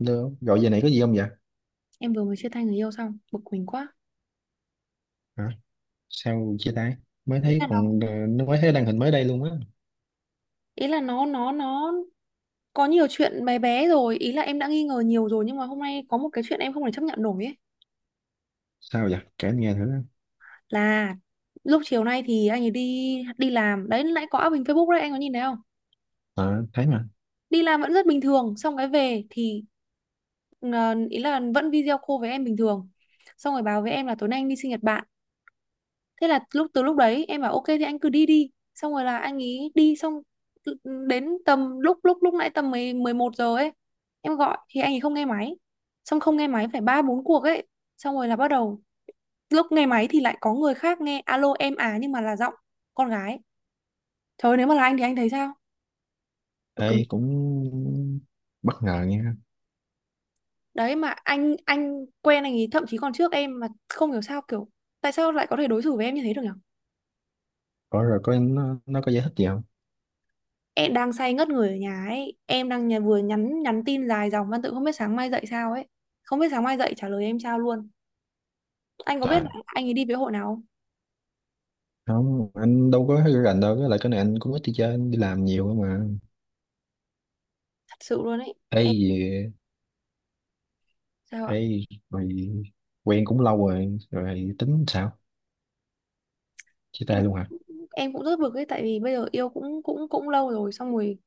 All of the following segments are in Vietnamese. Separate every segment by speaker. Speaker 1: Được. Gọi giờ này có gì không vậy?
Speaker 2: Em vừa mới chia tay người yêu xong, bực mình quá.
Speaker 1: Hả? Sao chia tay? Mới
Speaker 2: ý
Speaker 1: thấy
Speaker 2: là nó
Speaker 1: còn nó mới thấy đăng hình mới đây luôn á.
Speaker 2: ý là nó nó nó có nhiều chuyện bé bé rồi, ý là em đã nghi ngờ nhiều rồi, nhưng mà hôm nay có một cái chuyện em không thể chấp nhận nổi ấy.
Speaker 1: Sao vậy? Kể anh nghe thử.
Speaker 2: Là lúc chiều nay thì anh ấy đi đi làm đấy, nãy có up hình Facebook đấy, anh có nhìn thấy không?
Speaker 1: Ờ, thấy mà.
Speaker 2: Đi làm vẫn rất bình thường, xong cái về thì ý là vẫn video call với em bình thường, xong rồi báo với em là tối nay anh đi sinh nhật bạn. Thế là lúc, từ lúc đấy em bảo ok thì anh cứ đi đi, xong rồi là anh ý đi. Xong đến tầm lúc lúc lúc nãy tầm 11 giờ ấy, em gọi thì anh ấy không nghe máy. Xong không nghe máy phải ba bốn cuộc ấy, xong rồi là bắt đầu lúc nghe máy thì lại có người khác nghe, alo em à, nhưng mà là giọng con gái. Trời ơi, nếu mà là anh thì anh thấy sao? Tôi cầm-
Speaker 1: Ê, cũng bất ngờ nha.
Speaker 2: Đấy, mà anh quen anh ấy thậm chí còn trước em, mà không hiểu sao kiểu tại sao lại có thể đối xử với em như thế được nhỉ?
Speaker 1: Có rồi có nó có giải thích gì không?
Speaker 2: Em đang say ngất người ở nhà ấy, em đang nhà vừa nhắn nhắn tin dài dòng văn tự, không biết sáng mai dậy sao ấy, không biết sáng mai dậy trả lời em sao luôn. Anh có biết là
Speaker 1: Trời,
Speaker 2: anh ấy đi với hội nào không?
Speaker 1: không, anh đâu có thấy rành đâu. Với lại cái này anh cũng ít đi chơi, anh đi làm nhiều cơ mà.
Speaker 2: Thật sự luôn ấy.
Speaker 1: Ê,
Speaker 2: Em
Speaker 1: gì-
Speaker 2: sao ạ?
Speaker 1: ê, Rồi quen cũng lâu rồi, rồi tính sao? Chia
Speaker 2: em
Speaker 1: tay luôn hả?
Speaker 2: em cũng rất bực ấy, tại vì bây giờ yêu cũng cũng cũng lâu rồi, xong rồi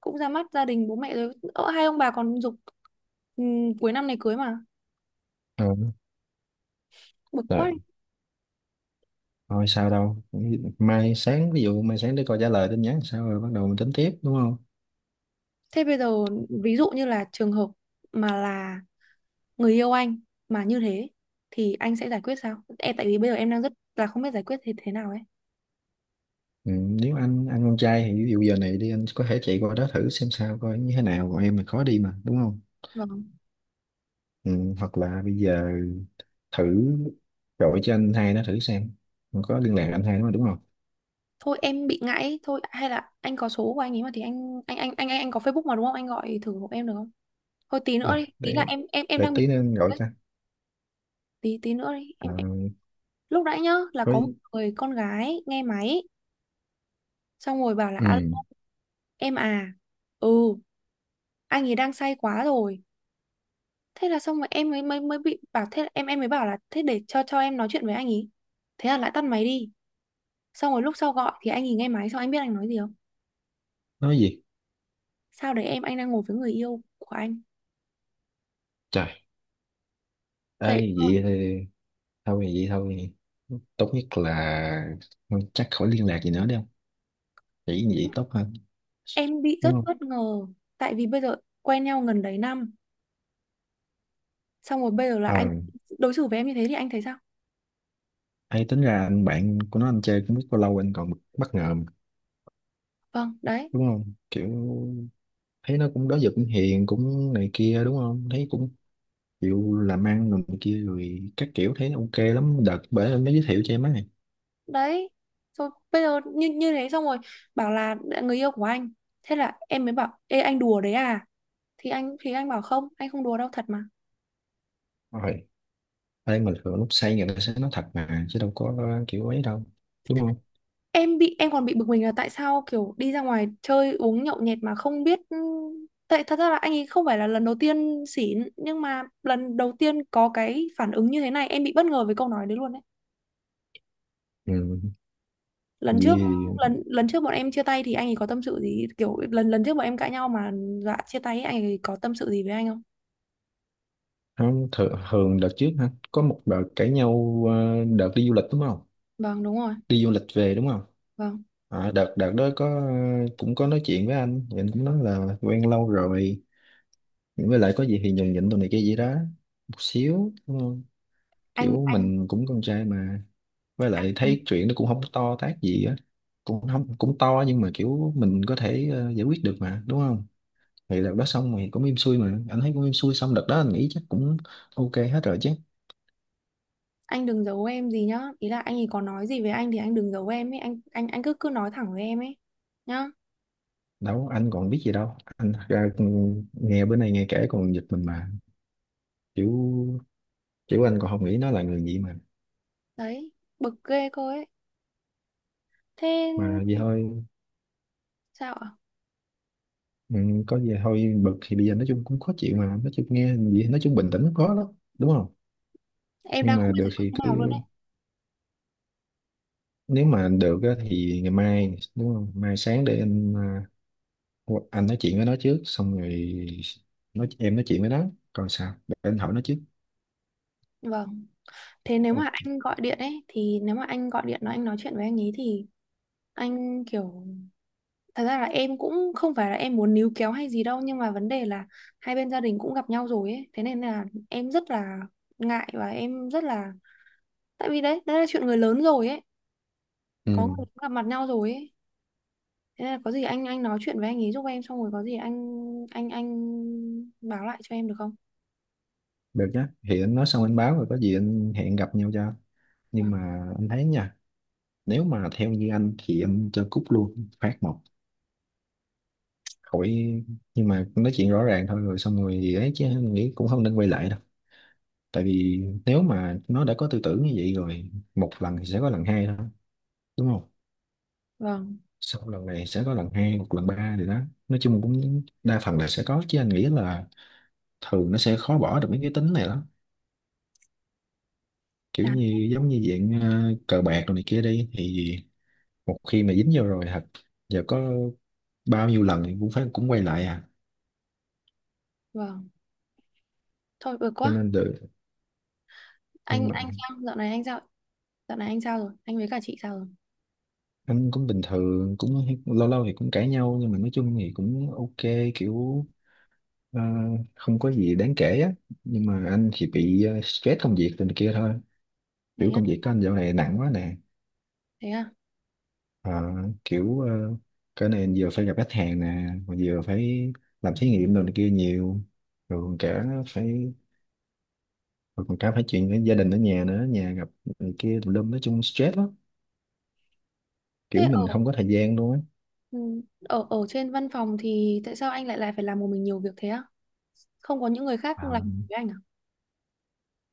Speaker 2: cũng ra mắt gia đình bố mẹ rồi. Ờ, hai ông bà còn giục cuối năm này cưới mà.
Speaker 1: Ừ.
Speaker 2: Bực
Speaker 1: Rồi,
Speaker 2: quá.
Speaker 1: thôi sao đâu. Ví dụ mai sáng để coi trả lời tin nhắn sao, rồi bắt đầu mình tính tiếp, đúng không?
Speaker 2: Thế bây giờ ví dụ như là trường hợp mà là người yêu anh mà như thế thì anh sẽ giải quyết sao? Em tại vì bây giờ em đang rất là không biết giải quyết thế thế nào ấy.
Speaker 1: Ừ, nếu anh con trai thì ví dụ giờ này đi, anh có thể chạy qua đó thử xem sao, coi như thế nào, còn em mình khó đi mà, đúng không?
Speaker 2: Vâng.
Speaker 1: Ừ, Hoặc là bây giờ thử gọi cho anh hai nó thử xem. Không có liên lạc anh hai nó mà, đúng không?
Speaker 2: Thôi em bị ngại ấy. Thôi hay là anh có số của anh ấy mà thì anh có Facebook mà đúng không? Anh gọi thử hộ em được không? Thôi tí
Speaker 1: à,
Speaker 2: nữa đi, ý là
Speaker 1: để
Speaker 2: em
Speaker 1: để
Speaker 2: đang bị
Speaker 1: tí nữa anh gọi
Speaker 2: ấy.
Speaker 1: cho.
Speaker 2: Tí tí nữa đi.
Speaker 1: À,
Speaker 2: Em, lúc nãy nhá là
Speaker 1: có.
Speaker 2: có một người con gái nghe máy, xong rồi bảo là alo
Speaker 1: Ừ,
Speaker 2: em à. Ừ, anh ấy đang say quá rồi. Thế là xong rồi em mới mới mới bị bảo thế, là em mới bảo là thế để cho em nói chuyện với anh ý. Thế là lại tắt máy đi. Xong rồi lúc sau gọi thì anh ý nghe máy, xong anh biết anh nói gì không?
Speaker 1: nói gì?
Speaker 2: Sao đấy em, anh đang ngồi với người yêu của anh.
Speaker 1: Trời
Speaker 2: Tại
Speaker 1: ơi, vậy thì thôi vậy thôi, tốt nhất là chắc khỏi liên lạc gì nữa đi, không chỉ vậy tốt hơn,
Speaker 2: em bị
Speaker 1: đúng
Speaker 2: rất
Speaker 1: không?
Speaker 2: bất ngờ, tại vì bây giờ quen nhau gần đấy năm, xong rồi bây giờ là
Speaker 1: Ờ.
Speaker 2: anh đối xử với em như thế thì anh thấy sao?
Speaker 1: Hay tính ra anh bạn của nó anh chơi cũng biết bao lâu, anh còn bất ngờ mà,
Speaker 2: Vâng đấy.
Speaker 1: đúng không? Kiểu thấy nó cũng đó giờ cũng hiền cũng này kia, đúng không? Thấy cũng chịu làm ăn rồi này kia rồi các kiểu, thấy nó ok lắm. Đợt bởi anh mới giới thiệu cho em ấy.
Speaker 2: Đấy rồi bây giờ như như thế, xong rồi bảo là người yêu của anh, thế là em mới bảo ê anh đùa đấy à, thì anh bảo không anh không đùa đâu thật mà.
Speaker 1: Rồi. Đây mà thường lúc say người ta sẽ nói thật mà, chứ đâu có kiểu ấy đâu. Đúng không?
Speaker 2: Em bị em còn bị bực mình là tại sao kiểu đi ra ngoài chơi uống nhậu nhẹt mà không biết. Ừ, tại thật ra là anh ấy không phải là lần đầu tiên xỉn, nhưng mà lần đầu tiên có cái phản ứng như thế này, em bị bất ngờ với câu nói đấy luôn đấy.
Speaker 1: Ừ.
Speaker 2: Lần trước,
Speaker 1: Vì
Speaker 2: lần lần trước bọn em chia tay thì anh ấy có tâm sự gì, kiểu lần lần trước bọn em cãi nhau mà dọa chia tay ấy, anh ấy có tâm sự gì với anh không?
Speaker 1: Không, thường đợt trước hả? Có một đợt cãi nhau, đợt đi du lịch đúng không?
Speaker 2: Vâng đúng rồi.
Speaker 1: Đi du lịch về đúng không?
Speaker 2: Vâng.
Speaker 1: Đợt đợt đó có, cũng có nói chuyện với anh, thì anh cũng nói là quen lâu rồi, với lại có gì thì nhường nhịn tụi này kia gì đó một xíu, đúng không?
Speaker 2: anh
Speaker 1: Kiểu mình cũng con trai mà, với lại
Speaker 2: anh
Speaker 1: thấy chuyện nó cũng không to tát gì á, cũng không cũng to, nhưng mà kiểu mình có thể giải quyết được mà, đúng không? Thì đợt đó xong thì cũng im xuôi mà, anh thấy cũng im xuôi, xong đợt đó anh nghĩ chắc cũng ok hết rồi chứ.
Speaker 2: anh đừng giấu em gì nhá, ý là anh ấy có nói gì với anh thì anh đừng giấu em ấy, anh cứ cứ nói thẳng với em ấy nhá.
Speaker 1: Đâu anh còn biết gì đâu, anh ra nghe bữa nay nghe kể còn giật mình mà. Kiểu kiểu anh còn không nghĩ nó là người gì mà.
Speaker 2: Đấy, bực ghê cô ấy. Thế
Speaker 1: Mà vậy thôi.
Speaker 2: sao ạ?
Speaker 1: ừ, có gì thôi, bực thì bây giờ nói chung cũng khó chịu mà, nói chung nghe gì nói chung bình tĩnh cũng khó lắm, đúng không?
Speaker 2: Em
Speaker 1: Nhưng
Speaker 2: đang không
Speaker 1: mà
Speaker 2: biết
Speaker 1: được
Speaker 2: giải quyết
Speaker 1: thì
Speaker 2: thế
Speaker 1: cứ,
Speaker 2: nào luôn đấy.
Speaker 1: nếu mà được á, thì ngày mai đúng không, mai sáng để anh, anh nói chuyện với nó trước, xong rồi nói em nói chuyện với nó, còn sao để anh hỏi nó trước.
Speaker 2: Vâng. Thế nếu
Speaker 1: Ok.
Speaker 2: mà anh gọi điện ấy, thì nếu mà anh gọi điện nói anh nói chuyện với anh ấy thì anh kiểu, thật ra là em cũng không phải là em muốn níu kéo hay gì đâu, nhưng mà vấn đề là hai bên gia đình cũng gặp nhau rồi ấy, thế nên là em rất là ngại, và em rất là, tại vì đấy đấy là chuyện người lớn rồi ấy, có người
Speaker 1: Ừ,
Speaker 2: cũng gặp mặt nhau rồi ấy. Thế nên là có gì anh nói chuyện với anh ấy giúp em, xong rồi có gì anh báo lại cho em được không?
Speaker 1: được nhá, thì anh nói xong anh báo, rồi có gì anh hẹn gặp nhau cho. Nhưng
Speaker 2: Vâng.
Speaker 1: mà anh thấy nha, nếu mà theo như anh thì anh cho cúp luôn phát một, khỏi. Nhưng mà nói chuyện rõ ràng thôi, rồi xong rồi gì ấy, chứ mình nghĩ cũng không nên quay lại đâu. Tại vì nếu mà nó đã có tư tưởng như vậy rồi một lần thì sẽ có lần hai thôi, đúng không?
Speaker 2: Vâng,
Speaker 1: Sau lần này sẽ có lần hai, một lần ba thì đó, nói chung cũng đa phần là sẽ có, chứ anh nghĩ là thường nó sẽ khó bỏ được mấy cái tính này lắm. Kiểu
Speaker 2: chán,
Speaker 1: như giống như dạng cờ bạc rồi này kia đi, thì một khi mà dính vô rồi thật, giờ có bao nhiêu lần thì cũng phải cũng quay lại à.
Speaker 2: vâng. Thôi bực
Speaker 1: Cho
Speaker 2: quá.
Speaker 1: nên được. Nhưng
Speaker 2: Anh
Speaker 1: mà
Speaker 2: anh sao? Dạo này anh sao? Dạo này anh sao rồi? Anh với cả chị sao rồi?
Speaker 1: anh cũng bình thường, cũng lâu lâu thì cũng cãi nhau, nhưng mà nói chung thì cũng ok, kiểu ờ, không có gì đáng kể á. Nhưng mà anh thì bị stress công việc từ kia thôi, kiểu
Speaker 2: Thế á,
Speaker 1: công việc của anh dạo này nặng quá nè.
Speaker 2: thế à?
Speaker 1: Ờ, kiểu cái này vừa phải gặp khách hàng nè, mà vừa phải làm thí nghiệm đồ này kia nhiều, rồi còn cả phải, rồi còn cả phải chuyện với gia đình ở nhà nữa, nhà gặp này kia tùm lum, nói chung stress lắm, kiểu
Speaker 2: Thế ở,
Speaker 1: mình không có thời gian luôn
Speaker 2: ừ, ở ở trên văn phòng thì tại sao anh lại lại phải làm một mình nhiều việc thế á? Không có những người khác làm cùng
Speaker 1: á.
Speaker 2: với anh à?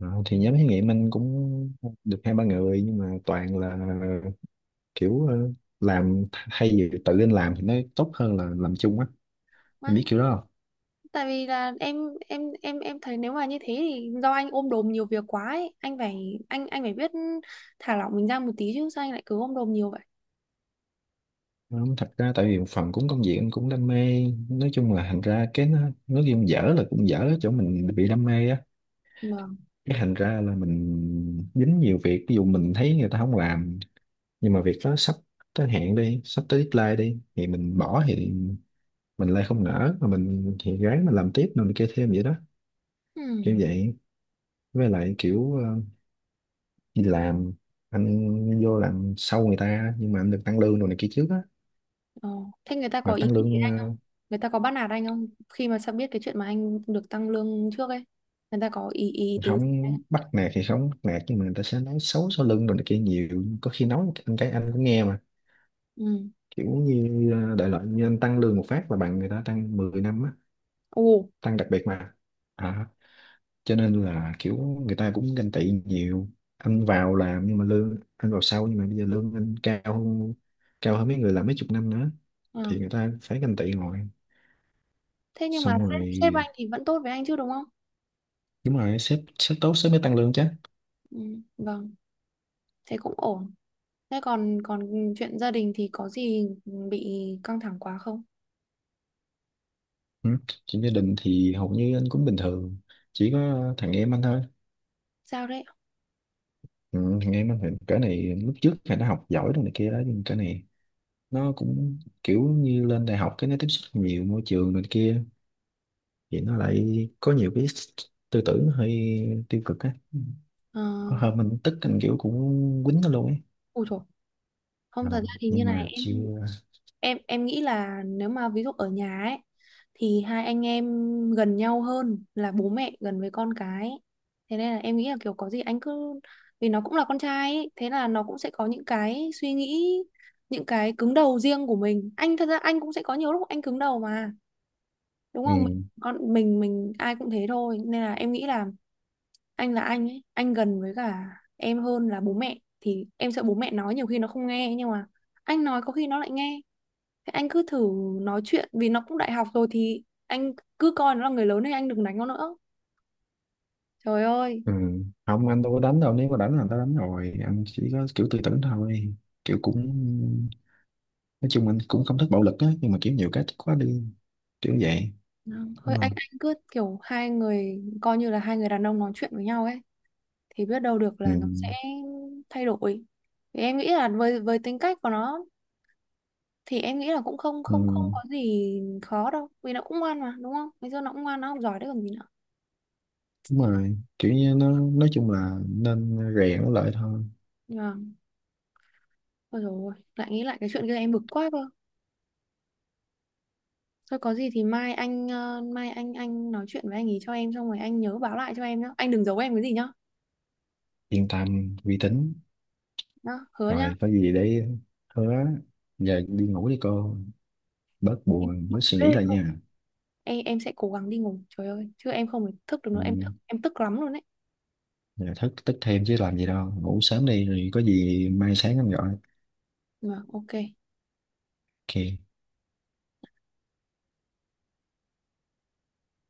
Speaker 1: Ờ, thì nhóm thí nghiệm anh cũng được hai ba người, nhưng mà toàn là kiểu làm thay vì tự anh làm thì nó tốt hơn là làm chung á, anh biết
Speaker 2: Vãi.
Speaker 1: kiểu đó không.
Speaker 2: Tại vì là em em thấy nếu mà như thế thì do anh ôm đồm nhiều việc quá ấy, anh phải anh phải biết thả lỏng mình ra một tí chứ sao anh lại cứ ôm đồm nhiều vậy?
Speaker 1: Ờ, thật ra tại vì một phần cũng công việc anh cũng đam mê, nói chung là thành ra cái nó, nói chung dở là cũng dở ở chỗ mình bị đam mê á.
Speaker 2: Vâng.
Speaker 1: Cái thành ra là mình dính nhiều việc, ví dụ mình thấy người ta không làm, nhưng mà việc đó sắp tới hạn đi, sắp tới deadline đi thì mình bỏ thì mình lại không nỡ, mà mình thì ráng mà làm tiếp, rồi mình kia thêm vậy đó,
Speaker 2: Ừ.
Speaker 1: kiểu vậy. Với lại kiểu đi làm, anh vô làm sau người ta nhưng mà anh được tăng lương rồi này kia trước á,
Speaker 2: Ờ. Thế người ta có
Speaker 1: mà
Speaker 2: ý
Speaker 1: tăng
Speaker 2: gì?
Speaker 1: lương.
Speaker 2: Người ta có bắt nạt anh không, khi mà sao biết cái chuyện mà anh được tăng lương trước ấy, người ta có ý ý
Speaker 1: Ờ,
Speaker 2: tứ gì không?
Speaker 1: Không bắt nạt thì không bắt nạt, nhưng mà người ta sẽ nói xấu sau lưng rồi này kia nhiều, có khi nói anh cái anh cũng nghe mà.
Speaker 2: Ừ.
Speaker 1: Kiểu như đại loại như anh tăng lương một phát là bằng người ta tăng 10 năm á,
Speaker 2: Ồ.
Speaker 1: tăng đặc biệt mà. à, cho nên là kiểu người ta cũng ganh tị nhiều, anh vào làm nhưng mà lương anh vào sau, nhưng mà bây giờ lương anh cao hơn mấy người làm mấy chục năm nữa,
Speaker 2: À.
Speaker 1: thì người ta phải ganh tị ngồi.
Speaker 2: Thế nhưng mà
Speaker 1: Xong rồi
Speaker 2: sếp sếp anh thì vẫn tốt với anh chứ đúng không?
Speaker 1: đúng rồi, sếp sếp tốt sếp mới tăng lương chứ.
Speaker 2: Ừ. Vâng, thế cũng ổn. Thế còn còn chuyện gia đình thì có gì bị căng thẳng quá không?
Speaker 1: Ừ. Chuyện gia đình thì hầu như anh cũng bình thường, chỉ có thằng em anh thôi.
Speaker 2: Sao đấy?
Speaker 1: Ừ, thằng em anh thì cái này lúc trước thì nó học giỏi rồi này kia đó, nhưng cái này nó cũng kiểu như lên đại học cái nó tiếp xúc nhiều môi trường này kia, thì nó lại có nhiều cái tư tưởng hơi tiêu cực á,
Speaker 2: Ờ.
Speaker 1: có hôm mình tức anh kiểu cũng quýnh nó luôn ấy.
Speaker 2: Ôi trời. Không, thật
Speaker 1: Ờ,
Speaker 2: ra thì như
Speaker 1: nhưng
Speaker 2: này
Speaker 1: mà
Speaker 2: em
Speaker 1: chưa.
Speaker 2: em em nghĩ là nếu mà ví dụ ở nhà ấy thì hai anh em gần nhau hơn là bố mẹ gần với con cái. Thế nên là em nghĩ là kiểu có gì anh cứ, vì nó cũng là con trai ấy, thế là nó cũng sẽ có những cái suy nghĩ, những cái cứng đầu riêng của mình. Anh thật ra anh cũng sẽ có nhiều lúc anh cứng đầu mà đúng không? Mình
Speaker 1: Ừ.
Speaker 2: con mình, ai cũng thế thôi, nên là em nghĩ là anh ấy, anh gần với cả em hơn là bố mẹ, thì em sợ bố mẹ nói nhiều khi nó không nghe, nhưng mà anh nói có khi nó lại nghe. Thế anh cứ thử nói chuyện, vì nó cũng đại học rồi, thì anh cứ coi nó là người lớn, thì anh đừng đánh nó nữa. Trời ơi.
Speaker 1: Ừ. Không anh đâu có đánh đâu, nếu mà đánh là tao đánh rồi, anh chỉ có kiểu tư tưởng thôi, kiểu cũng nói chung anh cũng không thích bạo lực á, nhưng mà kiểu nhiều cái thích quá đi, kiểu vậy, đúng
Speaker 2: Thôi anh
Speaker 1: không?
Speaker 2: anh cứ kiểu hai người coi như là hai người đàn ông nói chuyện với nhau ấy, thì biết đâu được
Speaker 1: Ừ.
Speaker 2: là nó sẽ thay đổi. Thì em nghĩ là với tính cách của nó, thì em nghĩ là cũng không
Speaker 1: Ừ.
Speaker 2: không không có gì khó đâu, vì nó cũng ngoan mà đúng không? Bây giờ nó cũng ngoan, nó học giỏi đấy còn gì nữa.
Speaker 1: Đúng rồi, kiểu như nó nói chung là nên rèn nó lại thôi.
Speaker 2: Nhưng mà ôi dồi ôi, lại nghĩ lại cái chuyện kia em bực quá cơ. Thôi có gì thì mai anh, mai anh nói chuyện với anh ý cho em, xong rồi anh nhớ báo lại cho em nhá. Anh đừng giấu em cái gì nhá.
Speaker 1: Yên tâm, uy tín.
Speaker 2: Đó, hứa nhá.
Speaker 1: Rồi có gì để, hứa. Giờ đi ngủ đi cô, bớt
Speaker 2: Em
Speaker 1: buồn bớt suy nghĩ lại nha.
Speaker 2: em sẽ cố gắng đi ngủ. Trời ơi, chứ em không phải thức được
Speaker 1: Ừ.
Speaker 2: nữa, em thức em tức lắm luôn đấy.
Speaker 1: Giờ thức tức thêm chứ làm gì đâu, ngủ sớm đi, rồi có gì mai sáng anh gọi.
Speaker 2: Mà ok.
Speaker 1: Ok.